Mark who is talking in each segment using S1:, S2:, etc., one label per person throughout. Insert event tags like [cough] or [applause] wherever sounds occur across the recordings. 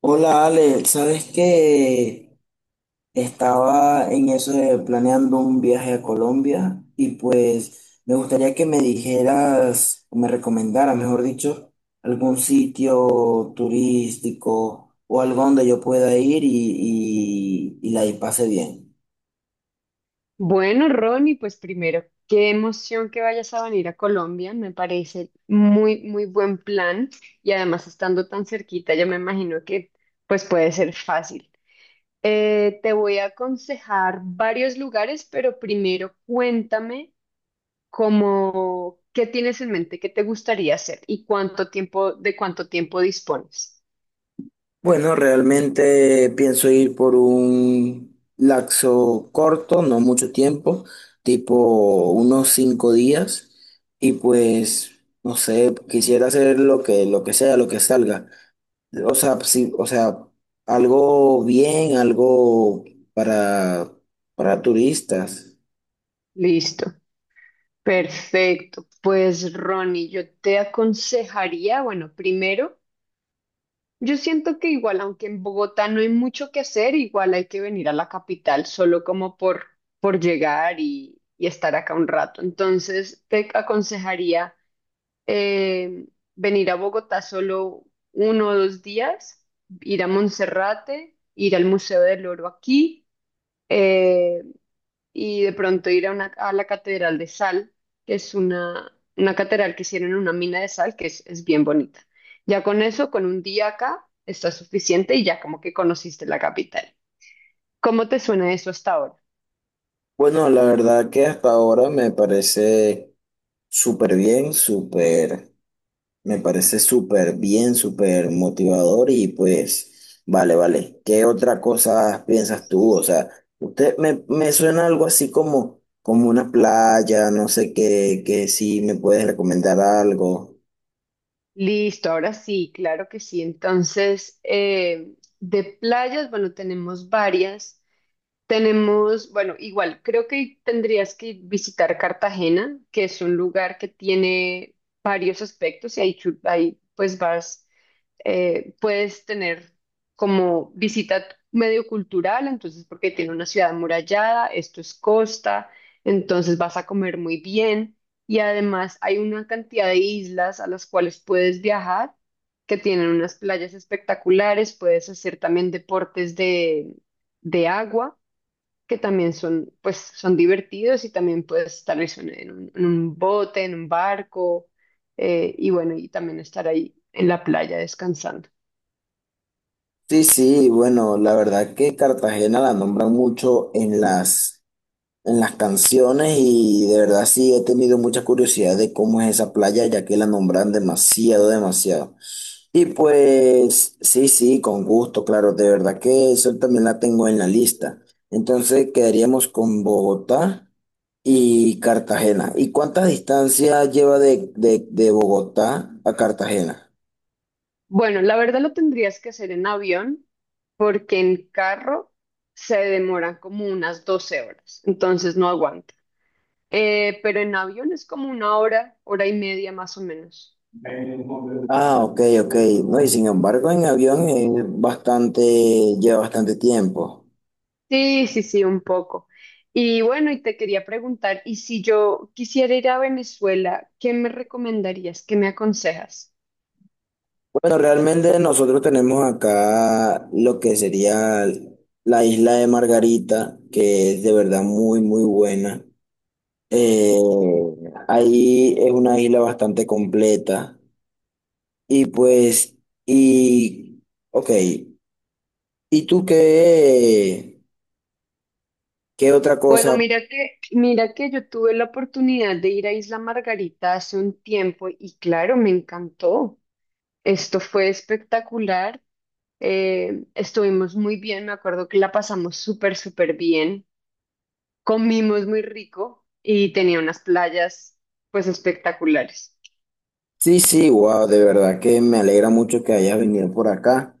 S1: Hola Ale, ¿sabes que estaba en eso de planeando un viaje a Colombia y pues me gustaría que me dijeras o me recomendaras, mejor dicho, algún sitio turístico o algo donde yo pueda ir y pase bien?
S2: Bueno, Ronnie, pues primero, qué emoción que vayas a venir a Colombia, me parece muy buen plan y además estando tan cerquita, yo me imagino que pues puede ser fácil. Te voy a aconsejar varios lugares, pero primero cuéntame qué tienes en mente, qué te gustaría hacer y de cuánto tiempo dispones.
S1: Bueno, realmente pienso ir por un laxo corto, no mucho tiempo, tipo unos 5 días, y pues, no sé, quisiera hacer lo que sea, lo que salga. O sea, sí, o sea, algo bien, algo para, para turistas.
S2: Listo. Perfecto. Pues Ronnie, yo te aconsejaría, Yo siento que igual, aunque en Bogotá no hay mucho que hacer, igual hay que venir a la capital solo por llegar y estar acá un rato. Entonces, te aconsejaría eh, venir a Bogotá solo 1 o 2 días, ir a Monserrate, ir al Museo del Oro aquí, eh, y de pronto a la Catedral de Sal, que es una catedral que hicieron en una mina de sal, que es bien bonita. Ya con eso, con un día acá, está suficiente y ya como que conociste la capital. ¿Cómo te suena eso hasta ahora?
S1: Bueno, la verdad que hasta ahora me parece súper bien, súper. Me parece súper bien, súper motivador y pues, vale, vale. ¿Qué otra cosa piensas
S2: Listo.
S1: tú? O sea, usted me suena algo así como, como una playa, no sé qué, que si me puedes recomendar algo.
S2: Listo, ahora sí, claro que sí. Entonces, de playas, bueno, tenemos varias. Igual, creo que tendrías que visitar Cartagena, que es un lugar que tiene varios aspectos y ahí, pues vas, puedes tener como visita medio cultural, entonces porque tiene una ciudad amurallada, esto es costa, entonces vas a comer muy bien y además hay una cantidad de islas a las cuales puedes viajar, que tienen unas playas espectaculares, puedes hacer también de agua que también son divertidos y también puedes tal vez en un bote, en un barco, y bueno, y también estar ahí en la playa descansando.
S1: Sí, sí, bueno, la verdad que Cartagena la nombran mucho en las canciones y de verdad sí he tenido mucha curiosidad de cómo es esa playa, ya que la nombran demasiado, demasiado. Y pues sí, sí, con gusto, claro, de verdad que eso también la tengo en la lista. Entonces quedaríamos con Bogotá y Cartagena. ¿Y cuánta distancia lleva de Bogotá a Cartagena?
S2: Bueno, la verdad lo tendrías que hacer en avión porque en carro se demoran como unas 12 horas, entonces no aguanta. Pero en avión es como una hora, hora y media más o menos.
S1: Ah, ok, ok. No, y sin embargo, en avión es bastante, lleva bastante tiempo.
S2: Sí, sí, sí, un poco. Y bueno, y te quería preguntar, ¿y si yo quisiera ir a Venezuela, qué me recomendarías? ¿Qué me aconsejas?
S1: Bueno, realmente nosotros tenemos acá lo que sería la isla de Margarita, que es de verdad muy, muy buena. Eh, Ahí es una isla bastante completa. Y pues, y, ok, ¿y tú qué, qué otra
S2: Bueno,
S1: cosa?
S2: mira que yo tuve la oportunidad de ir a Isla Margarita hace un tiempo y claro, me encantó. Esto fue espectacular. Estuvimos muy bien, me acuerdo que la pasamos súper bien. Comimos muy rico y tenía unas playas pues espectaculares.
S1: Sí, sí, wow, de verdad que me alegra mucho que hayas venido por acá.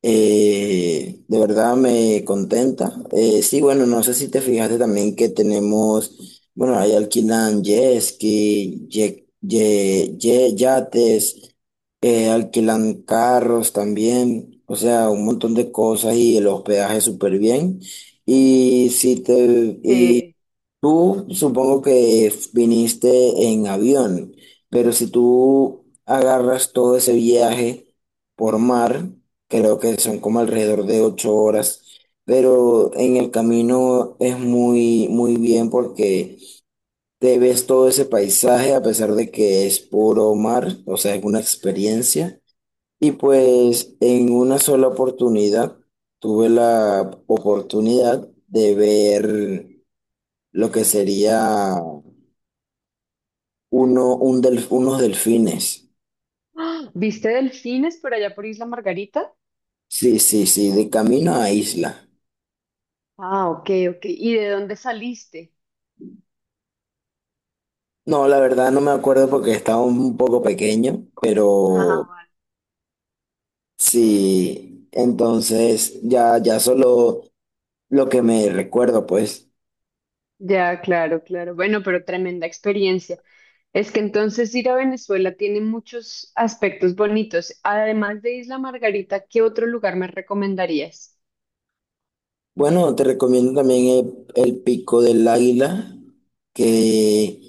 S1: De verdad me contenta. Sí, bueno, no sé si te fijaste también que tenemos, bueno, ahí alquilan jet ski, yates, alquilan carros también, o sea, un montón de cosas y el hospedaje súper bien. Y si te,
S2: Eh,
S1: tú supongo que viniste en avión, pero si tú agarras todo ese viaje por mar, creo que son como alrededor de 8 horas, pero en el camino es muy, muy bien porque te ves todo ese paisaje a pesar de que es puro mar, o sea, es una experiencia. Y pues en una sola oportunidad tuve la oportunidad de ver lo que sería uno, un unos delfines.
S2: [gasps] ¡Ah! ¿Viste delfines por allá por Isla Margarita?
S1: Sí, sí, sí, de camino a isla.
S2: Ah, ok, ok. ¿Y de dónde saliste?
S1: No, la verdad no me acuerdo porque estaba un poco pequeño,
S2: Ajá.
S1: pero sí, entonces ya, ya solo lo que me recuerdo, pues.
S2: Ya, claro, claro. Bueno, pero tremenda experiencia. Es que entonces ir a Venezuela tiene muchos aspectos bonitos. Además de Isla Margarita, ¿qué otro lugar me recomendarías?
S1: Bueno, te recomiendo también el Pico del Águila, que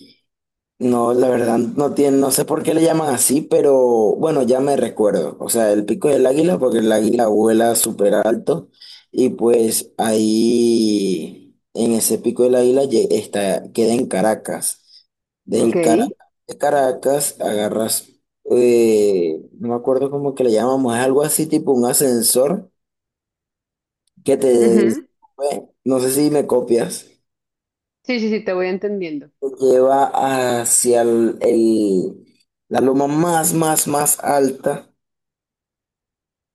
S1: no, la verdad, no tiene, no sé por qué le llaman así, pero bueno, ya me recuerdo. O sea, el Pico del Águila, porque el águila vuela súper alto y pues ahí, en ese Pico del Águila, está, queda en Caracas.
S2: Ok.
S1: Del Caracas, de Caracas agarras, no me acuerdo cómo que le llamamos, es algo así tipo un ascensor que te
S2: Ujú.
S1: sube. No sé si me copias.
S2: Sí, sí, sí, te voy entendiendo.
S1: Lleva hacia la loma más alta.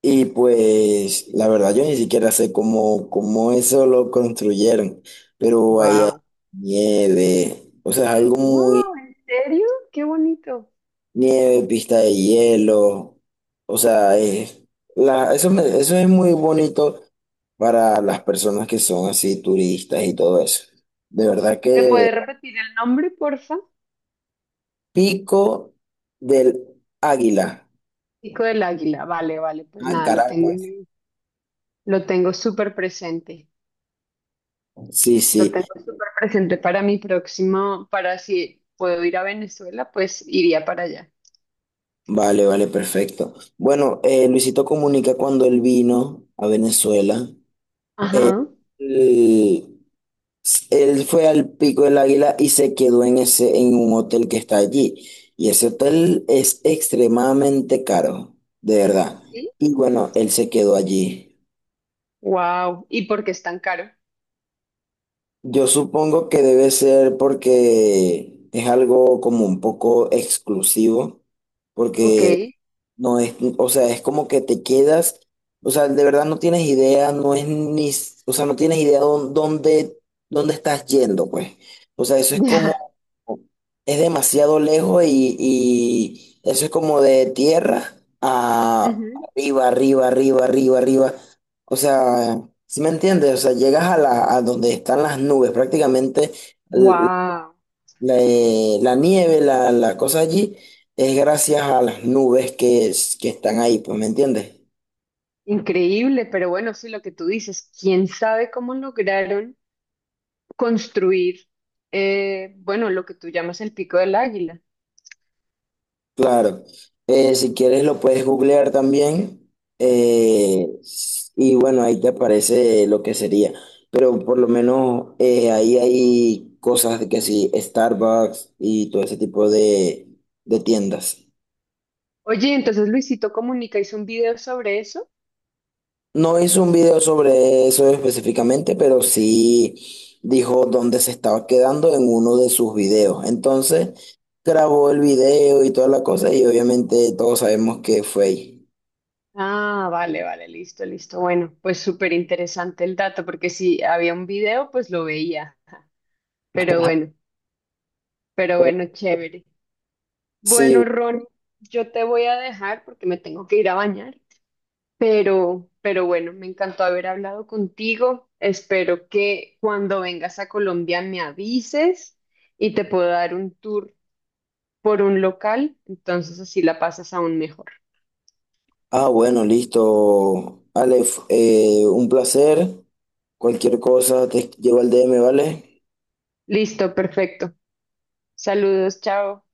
S1: Y pues la verdad yo ni siquiera sé cómo eso lo construyeron, pero ahí hay
S2: Wow.
S1: nieve, o sea, algo
S2: Wow,
S1: muy
S2: ¿en serio? Qué bonito.
S1: nieve, pista de hielo, o sea, eso es muy bonito para las personas que son así turistas y todo eso. De verdad
S2: ¿Me
S1: que
S2: puedes repetir el nombre, porfa?
S1: Pico del Águila,
S2: Pico del Águila. Vale, vale, pues
S1: a
S2: nada, lo tengo.
S1: Caracas.
S2: Lo tengo súper presente,
S1: Sí,
S2: lo
S1: sí,
S2: tengo súper presente para mi próximo, para si puedo ir a Venezuela, pues iría para allá.
S1: vale, vale, perfecto. Bueno, Luisito Comunica cuando él vino a Venezuela, eh,
S2: Ajá.
S1: él, él fue al Pico del Águila y se quedó en un hotel que está allí. Y ese hotel es extremadamente caro, de verdad.
S2: ¿Así?
S1: Y bueno, él se quedó allí.
S2: Wow. ¿Y por qué es tan caro?
S1: Yo supongo que debe ser porque es algo como un poco exclusivo,
S2: Ok,
S1: porque
S2: [laughs]
S1: no es, o sea, es como que te quedas, o sea, de verdad no tienes idea, no es ni, o sea, no tienes idea dónde, dónde estás yendo, pues. O sea, eso es
S2: ya.
S1: como, es demasiado lejos y eso es como de tierra a
S2: Ujú.
S1: arriba, arriba, arriba, arriba, arriba. O sea, ¿si me entiendes? O sea, llegas a la, a donde están las nubes, prácticamente l-
S2: Wow.
S1: la, la nieve, la cosa allí, es gracias a las nubes que, que están ahí, pues, ¿me entiendes?
S2: Increíble, pero bueno, sí, lo que tú dices, quién sabe cómo lograron construir, bueno, lo que tú llamas el Pico del Águila.
S1: Claro. Si quieres lo puedes googlear también, eh, y bueno, ahí te aparece lo que sería. Pero por lo menos ahí hay cosas de que sí, Starbucks y todo ese tipo de tiendas.
S2: Oye, entonces Luisito Comunica hizo un video sobre eso.
S1: No hizo un video sobre eso específicamente, pero sí dijo dónde se estaba quedando en uno de sus videos. Entonces grabó el video y toda la cosa y obviamente todos sabemos que fue ahí.
S2: Ah, vale, vale, listo, listo. Bueno, pues súper interesante el dato, porque si había un video, pues lo veía. [laughs] Pero bueno, pero bueno, chévere.
S1: Sí,
S2: Bueno, Ron, yo te voy a dejar porque me tengo que ir a bañar, pero bueno, me encantó haber hablado contigo. Espero que cuando vengas a Colombia me avises y te puedo dar un tour por un local, entonces así la pasas aún mejor.
S1: ah, bueno, listo. Aleph, un placer. Cualquier cosa te llevo al DM, ¿vale?
S2: Listo, perfecto. Saludos, chao.